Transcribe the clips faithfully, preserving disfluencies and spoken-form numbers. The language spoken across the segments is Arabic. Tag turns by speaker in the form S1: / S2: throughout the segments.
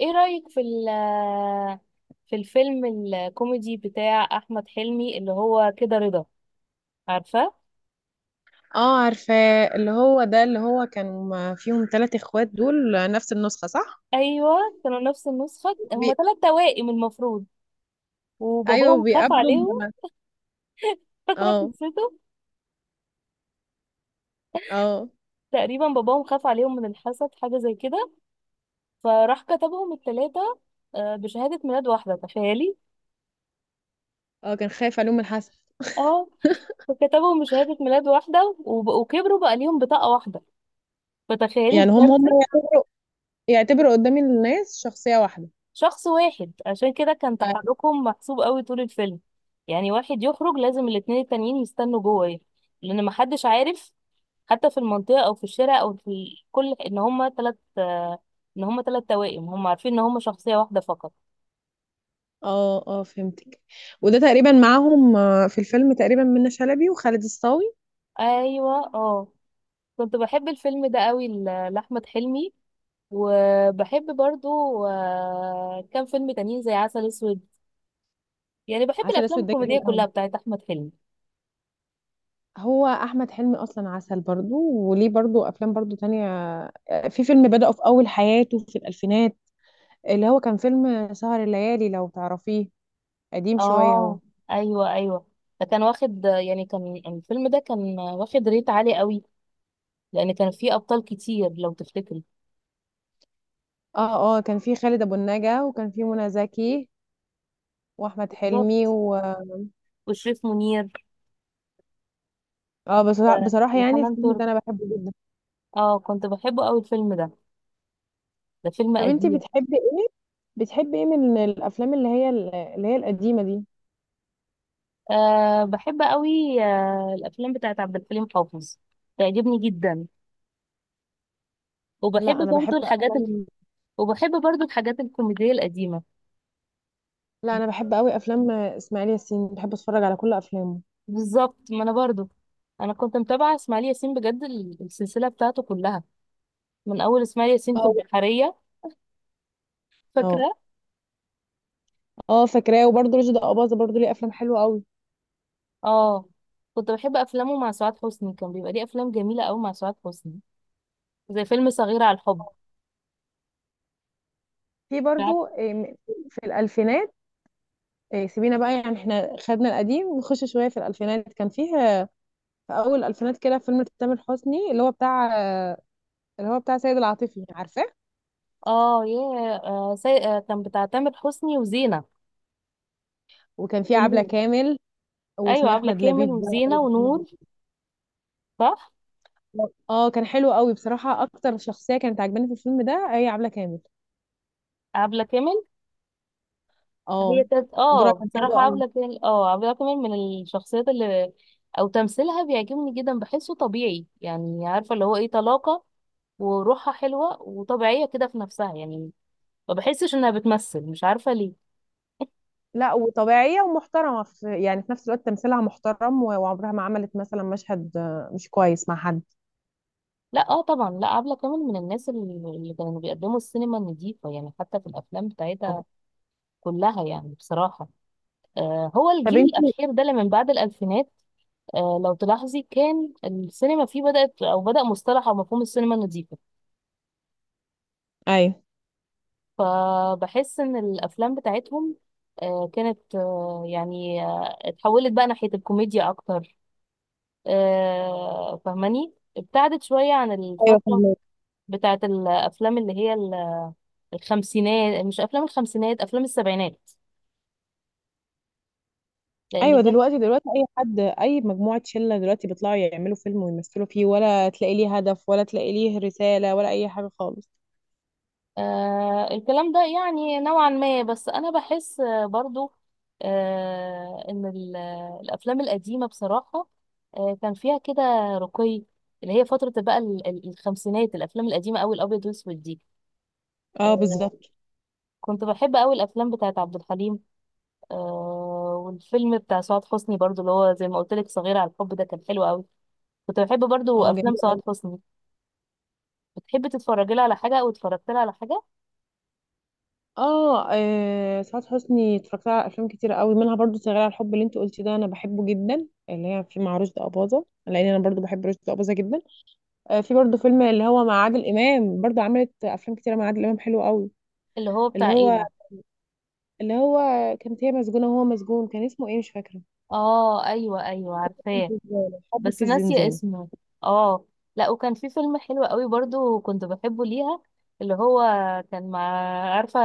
S1: ايه رأيك في ال في الفيلم الكوميدي بتاع احمد حلمي اللي هو كده رضا، عارفة؟
S2: اه عارفاه اللي هو ده اللي هو كان فيهم ثلاث اخوات دول نفس النسخة صح؟
S1: ايوه، كانوا نفس النسخة،
S2: بي...
S1: هما ثلاث توائم المفروض،
S2: ايوه
S1: وباباهم خاف
S2: بيقابلوا
S1: عليهم.
S2: م-
S1: فاكرة
S2: اه
S1: قصته؟
S2: اه
S1: تقريبا باباهم خاف عليهم من الحسد، حاجة زي كده، فراح كتبهم الثلاثة بشهادة ميلاد واحدة، تخيلي.
S2: اه كان خايف عليهم الحسد.
S1: اه، فكتبهم بشهادة ميلاد واحدة وب- وكبروا بقى ليهم بطاقة واحدة، فتخيلي
S2: يعني هم هم
S1: الكارثة.
S2: يعتبروا يعتبروا قدام الناس شخصية واحدة.
S1: شخص واحد عشان كده كان
S2: اه
S1: تحركهم محسوب قوي طول الفيلم، يعني واحد يخرج لازم الاتنين التانيين يستنوا جوه يخرج، لان محدش عارف حتى في المنطقة او في الشارع او في ال- كل، ان هما تلات آه، ان هما تلات توائم، هما عارفين ان هما شخصية واحدة فقط.
S2: اه آه، فهمتك. وده تقريبا معاهم آه، في الفيلم تقريبا منة شلبي وخالد الصاوي.
S1: ايوه، اه. كنت بحب الفيلم ده قوي ل- لأحمد حلمي، وبحب برضو آه، كام فيلم تانيين زي عسل اسود، يعني بحب
S2: عسل
S1: الافلام
S2: اسود ده
S1: الكوميدية
S2: جميل قوي.
S1: كلها بتاعت احمد حلمي.
S2: هو احمد حلمي اصلا عسل، برضو وليه برضو افلام برضو تانية. آه، في فيلم بدأه في اول حياته في الالفينات، اللي هو كان فيلم سهر الليالي لو تعرفيه، قديم شوية هو.
S1: اه، ايوه ايوه. فكان واخد، يعني كان الفيلم ده كان واخد ريت عالي قوي، لان كان فيه ابطال كتير لو تفتكر.
S2: اه اه كان فيه خالد أبو النجا وكان فيه منى زكي وأحمد حلمي
S1: بالظبط،
S2: و
S1: وشريف منير
S2: اه بصراحة,
S1: آه،
S2: بصراحة يعني
S1: وحنان
S2: الفيلم
S1: ترك.
S2: ده أنا بحبه جدا.
S1: اه، كنت بحبه قوي الفيلم ده، ده فيلم
S2: طب انتي
S1: قديم.
S2: بتحبي ايه؟ بتحبي ايه من الأفلام اللي هي اللي هي القديمة دي؟
S1: آه بحب قوي آه الافلام بتاعت عبد الحليم حافظ، تعجبني جدا، وبحب
S2: لا أنا بحب
S1: برضو الحاجات ال...
S2: أفلام.
S1: وبحب برضو الحاجات الكوميدية القديمة.
S2: لا أنا بحب أوي أفلام إسماعيل ياسين، بحب أتفرج على كل أفلامه.
S1: بالظبط، ما انا برضو، انا كنت متابعة اسماعيل ياسين بجد، ال- السلسلة بتاعته كلها من اول اسماعيل ياسين في
S2: اه
S1: البحرية،
S2: اه
S1: فاكرة؟
S2: اه فاكراه. وبرضه رشدي أباظة برضه ليه أفلام حلوة أوي.
S1: اه، كنت بحب افلامه مع سعاد حسني، كان بيبقى ليه افلام جميلة قوي مع سعاد حسني، زي فيلم صغيرة على الحب.
S2: في
S1: عارف؟
S2: برضه إيه، في الألفينات. إيه، سيبينا بقى، يعني احنا خدنا القديم، نخش شويه في الالفينات. كان فيه في اول الالفينات كده فيلم تامر حسني اللي هو بتاع، اللي هو بتاع سيد العاطفي، عارفاه؟
S1: اه، ياه، آه سي... آه كان بتاع تامر حسني وزينة
S2: وكان فيه عبله
S1: ونور.
S2: كامل،
S1: ايوه،
S2: واسمه
S1: عبلة
S2: احمد
S1: كامل
S2: لبيب ده ولا
S1: وزينة
S2: أحمد
S1: ونور،
S2: لبيب.
S1: صح.
S2: اه كان حلو قوي بصراحه. اكتر شخصيه كانت عجباني في الفيلم ده هي عبله كامل.
S1: عبلة كامل،
S2: اه،
S1: هي كانت
S2: دورها
S1: اه،
S2: كان حلو
S1: بصراحة
S2: قوي.
S1: عبلة كامل، اه عبلة كامل من الشخصيات اللي، او تمثيلها بيعجبني جدا، بحسه طبيعي يعني، عارفة اللي هو ايه، طلاقة وروحها حلوة وطبيعية كده في نفسها يعني، ما بحسش انها بتمثل، مش عارفه ليه.
S2: لا وطبيعيه ومحترمه، في يعني في نفس الوقت تمثيلها محترم و- وعمرها ما عملت مثلا مشهد آه، مش كويس مع حد.
S1: لا، اه، طبعا، لا، عبلة كامل من الناس اللي اللي كانوا بيقدموا السينما النظيفه يعني، حتى في الافلام
S2: آه.
S1: بتاعتها كلها يعني بصراحه. آه هو
S2: طب
S1: الجيل
S2: انت.
S1: الاخير ده اللي من بعد الالفينات، آه لو تلاحظي كان السينما فيه بدات او بدا مصطلح او مفهوم السينما النظيفه،
S2: ايوه.
S1: فبحس ان الافلام بتاعتهم آه كانت آه يعني آه اتحولت بقى ناحيه الكوميديا اكتر، آه فاهماني، ابتعدت شويه عن الفتره
S2: ايوه.
S1: بتاعت الافلام اللي هي الخمسينات، مش افلام الخمسينات، افلام السبعينات، لان
S2: ايوه
S1: ده
S2: دلوقتي، دلوقتي اي حد اي مجموعه شله دلوقتي بيطلعوا يعملوا فيلم ويمثلوا فيه، ولا تلاقي ليه هدف ولا تلاقي ليه رساله ولا اي حاجه خالص.
S1: آه الكلام ده يعني نوعا ما، بس انا بحس آه، برضو آه ان ال- الافلام القديمه بصراحه آه كان فيها كده رقي، اللي هي فتره بقى ال- ال- الخمسينات، الافلام القديمه قوي الابيض والاسود دي.
S2: اه
S1: آه
S2: بالظبط.
S1: كنت بحب قوي الافلام بتاعت عبد الحليم، آه والفيلم بتاع سعاد حسني برضو اللي هو زي ما قلت لك، صغيره على الحب، ده كان حلو قوي. كنت بحب برضو
S2: اه
S1: افلام
S2: جميل
S1: سعاد
S2: قوي.
S1: حسني. بتحبي تتفرجي لها على حاجه، او اتفرجت لها على حاجه؟
S2: اه آه، سعاد حسني اتفرجت على افلام كتير قوي منها، برضو شغاله على الحب اللي انت قلتي ده انا بحبه جدا، اللي هي في مع رشدي اباظه، لان انا برضو بحب رشدي اباظه جدا. آه، في برضو فيلم اللي هو مع عادل امام، برضو عملت افلام كتير مع عادل امام حلو قوي.
S1: اللي هو
S2: اللي
S1: بتاع ايه؟
S2: هو اللي هو كانت هي مسجونه وهو مسجون، كان اسمه ايه مش فاكره.
S1: اه ايوه ايوه،
S2: حب
S1: عارفاه،
S2: في الزنزانه، حب
S1: بس
S2: في
S1: ناسيه
S2: الزنزانه.
S1: اسمه. اه، لا، وكان في فيلم حلو قوي برضو كنت بحبه ليها، اللي هو كان مع، عارفه،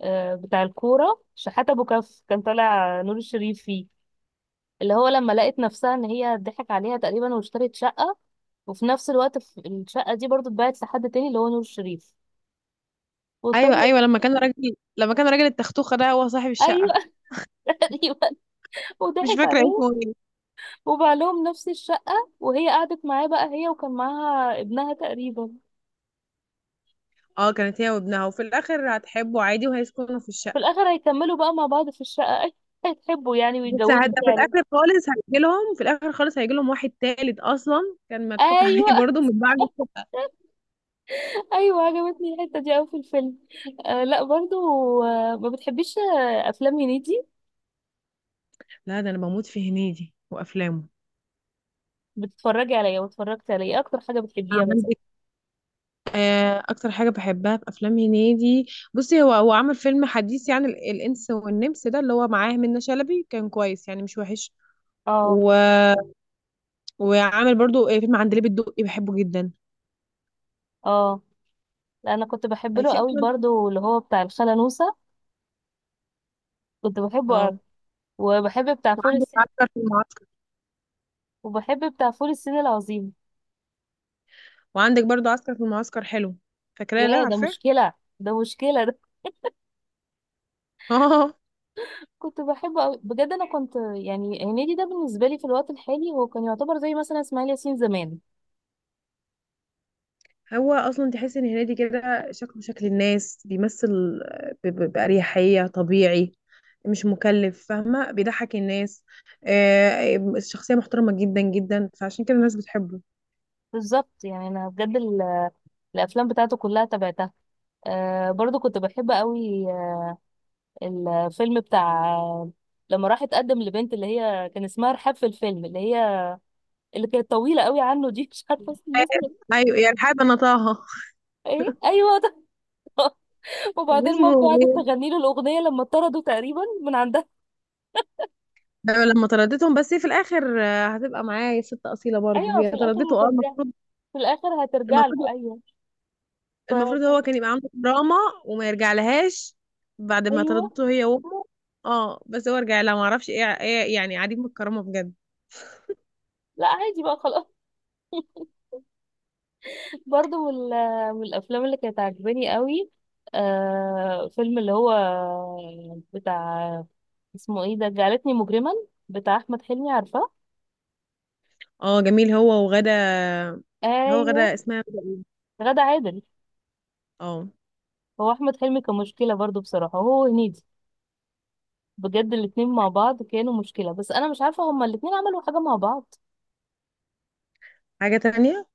S1: آه، بتاع الكوره، شحاته ابو كف، كان طالع نور الشريف فيه، اللي هو لما لقت نفسها ان هي ضحك عليها تقريبا واشترت شقه، وفي نفس الوقت في الشقه دي برضو اتباعت لحد تاني اللي هو نور الشريف،
S2: ايوه
S1: واضطروا.
S2: ايوه، لما كان راجل، لما كان راجل التختوخه ده هو صاحب
S1: ايوه.
S2: الشقه.
S1: ايوه،
S2: مش
S1: وضحك
S2: فاكره
S1: عليها،
S2: اسمه ايه.
S1: وبقى لهم نفس الشقة، وهي قعدت معاه بقى هي، وكان معاها ابنها تقريبا،
S2: اه كانت هي وابنها، وفي الاخر هتحبه عادي وهيسكنوا في
S1: في
S2: الشقه.
S1: الآخر هيكملوا بقى مع بعض في الشقة. أي- هيتحبوا يعني
S2: بس
S1: ويتجوزوا
S2: هد- في
S1: فعلا.
S2: الاخر خالص هيجي لهم، في الاخر خالص هيجي لهم واحد تالت اصلا، كان مضحوك
S1: أيوة.
S2: عليه برضه من بعد.
S1: أيوة، عجبتني الحتة دي أوي في الفيلم. آه لا، برضو آه ما بتحبيش آه، أفلام هنيدي؟
S2: لا ده انا بموت في هنيدي وافلامه.
S1: بتتفرجي عليا، واتفرجت عليا، إيه أكتر حاجة بتحبيها مثلا؟
S2: عندك آه، اكتر حاجه بحبها في افلام هنيدي، بصي هو هو عمل فيلم حديث يعني ال- الانس والنمس ده اللي هو معاه منة شلبي، كان كويس يعني مش وحش.
S1: اه،
S2: و... وعامل برضو فيلم عندليب الدقي بحبه جدا.
S1: اه، لا أنا كنت بحب
S2: اي
S1: له
S2: في
S1: قوي
S2: افلام.
S1: برضو اللي هو بتاع الخالة نوسة، كنت بحبه أوي.
S2: اه
S1: وبحب بتاع فول
S2: وعندك
S1: الصين،
S2: عسكر في المعسكر.
S1: وبحب بتاع فول الصين العظيم.
S2: وعندك برضو عسكر في المعسكر حلو، فاكراه ده؟
S1: يا ده
S2: عارفاه.
S1: مشكلة، ده مشكلة ده،
S2: اه.
S1: كنت بحبه أوي بجد. أنا كنت يعني هنيدي ده بالنسبة لي في الوقت الحالي هو كان يعتبر زي مثلا إسماعيل ياسين زمان.
S2: هو اصلا تحس ان هنيدي كده شكله شكل الناس، بيمثل ب- ب- بأريحية طبيعي، مش مكلف، فاهمة، بيضحك الناس. آه، الشخصية محترمة جدا جدا، فعشان كده الناس بتحبه.
S1: بالظبط، يعني أنا بجد ال- الأفلام بتاعته كلها تابعتها. آه برضو كنت بحب أوي آه، الفيلم بتاع آه، لما راح اتقدم لبنت اللي هي كان اسمها رحاب في الفيلم، اللي هي اللي كانت طويلة أوي عنه دي، مش عارفة اسم الناس.
S2: ايوه يعني حابة انا طه.
S1: ايه، أيوه، ده.
S2: كان
S1: وبعدين مامته
S2: اسمه
S1: قعدت
S2: ايه.
S1: تغني له الأغنية لما طردوا تقريبا من عندها.
S2: أيوة، لما طردتهم، بس هي في الاخر آه، هتبقى معايا ست اصيلة برضو،
S1: ايوه، في
S2: هي
S1: الاخر
S2: طردته اه
S1: هترجع،
S2: المفروض.
S1: في الاخر هترجع له،
S2: المفروض.
S1: ايوه، ف...
S2: المفروض هو كان يبقى عنده دراما وما يرجع لهاش بعد ما
S1: ايوه.
S2: طردته هي وامه. اه بس هو رجع لها، ما اعرفش ايه ايه، يعني عديم الكرامه بجد.
S1: لا، عادي بقى، خلاص. برضه من ال- من الافلام اللي كانت عاجباني قوي آه فيلم اللي هو بتاع، اسمه ايه ده، جعلتني مجرما، بتاع احمد حلمي، عارفاه؟
S2: اه جميل، هو وغدا. هو
S1: ايوه،
S2: غدا اسمها غدا ايه؟
S1: غادة عادل.
S2: اه.
S1: هو احمد حلمي كان مشكله برضه بصراحه، هو هنيدي بجد، الاتنين مع بعض كانوا مشكله، بس انا مش عارفه هما الاتنين عملوا حاجه مع بعض؟
S2: حاجه تانية.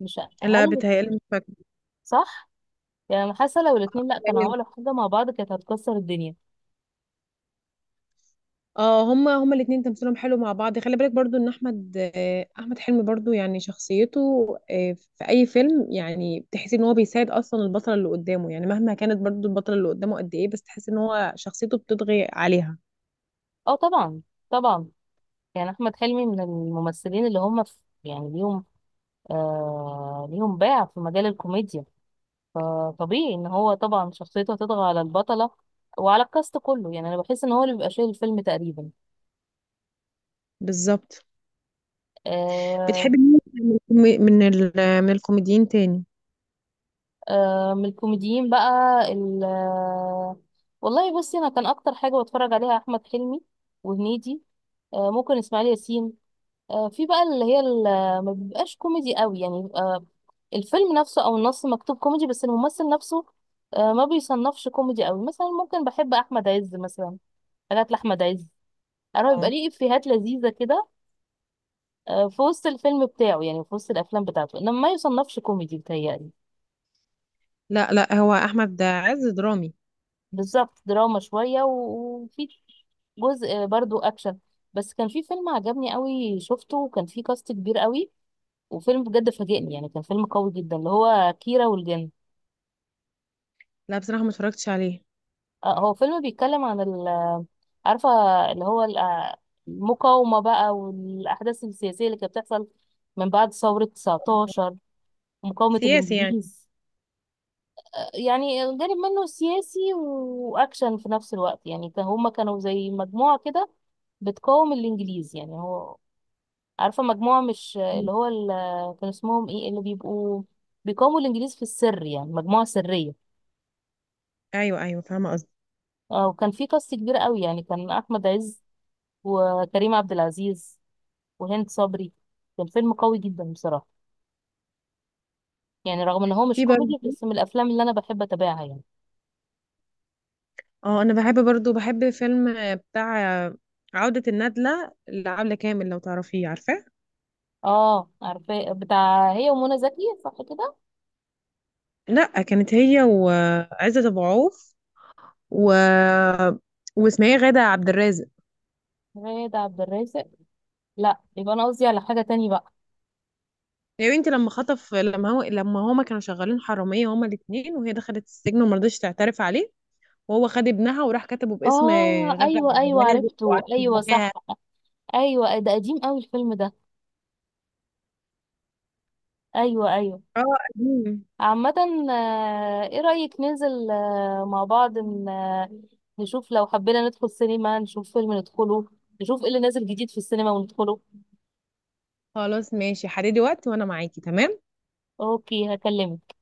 S1: مش
S2: لا
S1: هل،
S2: بتهيألي مش فاكره.
S1: صح. يعني أنا حاسه لو الاتنين، لا كانوا
S2: بيتهيألي-
S1: عملوا حاجه مع بعض كانت هتكسر الدنيا.
S2: اه هما هما الاتنين تمثيلهم حلو مع بعض. خلي بالك برضو ان احمد آه، احمد حلمي برضو يعني شخصيته آه، في اي فيلم يعني بتحسي ان هو بيساعد اصلا البطله اللي قدامه، يعني مهما كانت برضو البطله اللي قدامه قد ايه، بس تحسي ان هو شخصيته بتطغي عليها.
S1: اه طبعا، طبعا، يعني احمد حلمي من الممثلين اللي هم في، يعني ليهم آه ليهم باع في مجال الكوميديا، فطبيعي ان هو طبعا شخصيته هتطغى على البطله وعلى الكاست كله، يعني انا بحس ان هو اللي بيبقى شايل الفيلم تقريبا.
S2: بالظبط.
S1: آه
S2: بتحبي مين من الكومي- من ال- من الكوميديين تاني؟
S1: آه من الكوميديين بقى، ال آه، والله بصي، انا كان اكتر حاجه بتفرج عليها احمد حلمي وهنيدي، آه ممكن اسماعيل ياسين، آه، في بقى اللي هي ال- ما بيبقاش كوميدي قوي يعني، بيبقى الفيلم نفسه او النص مكتوب كوميدي بس الممثل نفسه آه، ما بيصنفش كوميدي قوي، مثلا ممكن بحب احمد عز مثلا، حاجات لاحمد عز، انا بيبقى
S2: اه.
S1: ليه افيهات لذيذه كده آه، في وسط الفيلم بتاعه، يعني في وسط الافلام بتاعته، انما ما يصنفش كوميدي بتهيألي.
S2: لا لا، هو احمد عز درامي.
S1: بالظبط، دراما شويه و- وفي جزء برضو اكشن. بس كان في فيلم عجبني قوي شفته، وكان فيه كاست كبير قوي، وفيلم بجد فاجئني، يعني كان فيلم قوي جدا، اللي هو كيرة والجن.
S2: لا بصراحه ما اتفرجتش عليه.
S1: آه، هو فيلم بيتكلم عن ال- عارفة، اللي هو ال- آه، المقاومة بقى والأحداث السياسية اللي كانت بتحصل من بعد ثورة تسعتاشر، مقاومة
S2: سياسي يعني.
S1: الإنجليز. آه، يعني جانب منه سياسي وأكشن في نفس الوقت، يعني كان- هما كانوا زي مجموعة كده بتقاوم الإنجليز، يعني هو، عارفة مجموعة، مش
S2: مم.
S1: اللي هو ال- كان اسمهم إيه اللي بيبقوا بيقاوموا الإنجليز في السر، يعني مجموعة سرية.
S2: ايوه ايوه فاهمه قصدي.
S1: آه، وكان في قصة كبيرة قوي، يعني كان أحمد عز وكريم عبد العزيز وهند صبري، كان فيلم قوي جدا بصراحة، يعني رغم ان هو مش
S2: في
S1: كوميدي
S2: برضه.
S1: بس من الافلام اللي انا بحب اتابعها يعني.
S2: اه انا بحب برضه، بحب فيلم بتاع عودة الندلة لعبلة كامل، لو تعرفيه عارفاه.
S1: اه، عارفاه، بتاع هي ومنى زكي صح كده؟
S2: لا كانت هي وعزت ابو عوف، و واسمها ايه، غادة عبد الرازق.
S1: غادة عبد الرازق، لا، يبقى انا قصدي على حاجة تاني بقى.
S2: يا بنتي لما خطف، لما هو، لما هما كانوا شغالين حرامية هما الاتنين، وهي دخلت السجن وما رضتش تعترف عليه، وهو خد ابنها وراح كتبه باسم
S1: اه
S2: غادة
S1: ايوه
S2: عبد
S1: ايوه،
S2: الرازق
S1: عرفته،
S2: وقعدت
S1: ايوه
S2: معاها.
S1: صح. ايوه ده قديم قوي الفيلم ده، ايوه ايوه.
S2: اه قديم.
S1: عامة آه، ايه رأيك ننزل آه، مع بعض ن- آه، نشوف لو حبينا ندخل سينما، نشوف فيلم ندخله، نشوف ايه اللي نازل جديد في السينما وندخله.
S2: خلاص ماشي، حددي وقت وانا معاكي تمام.
S1: اوكي، هكلمك.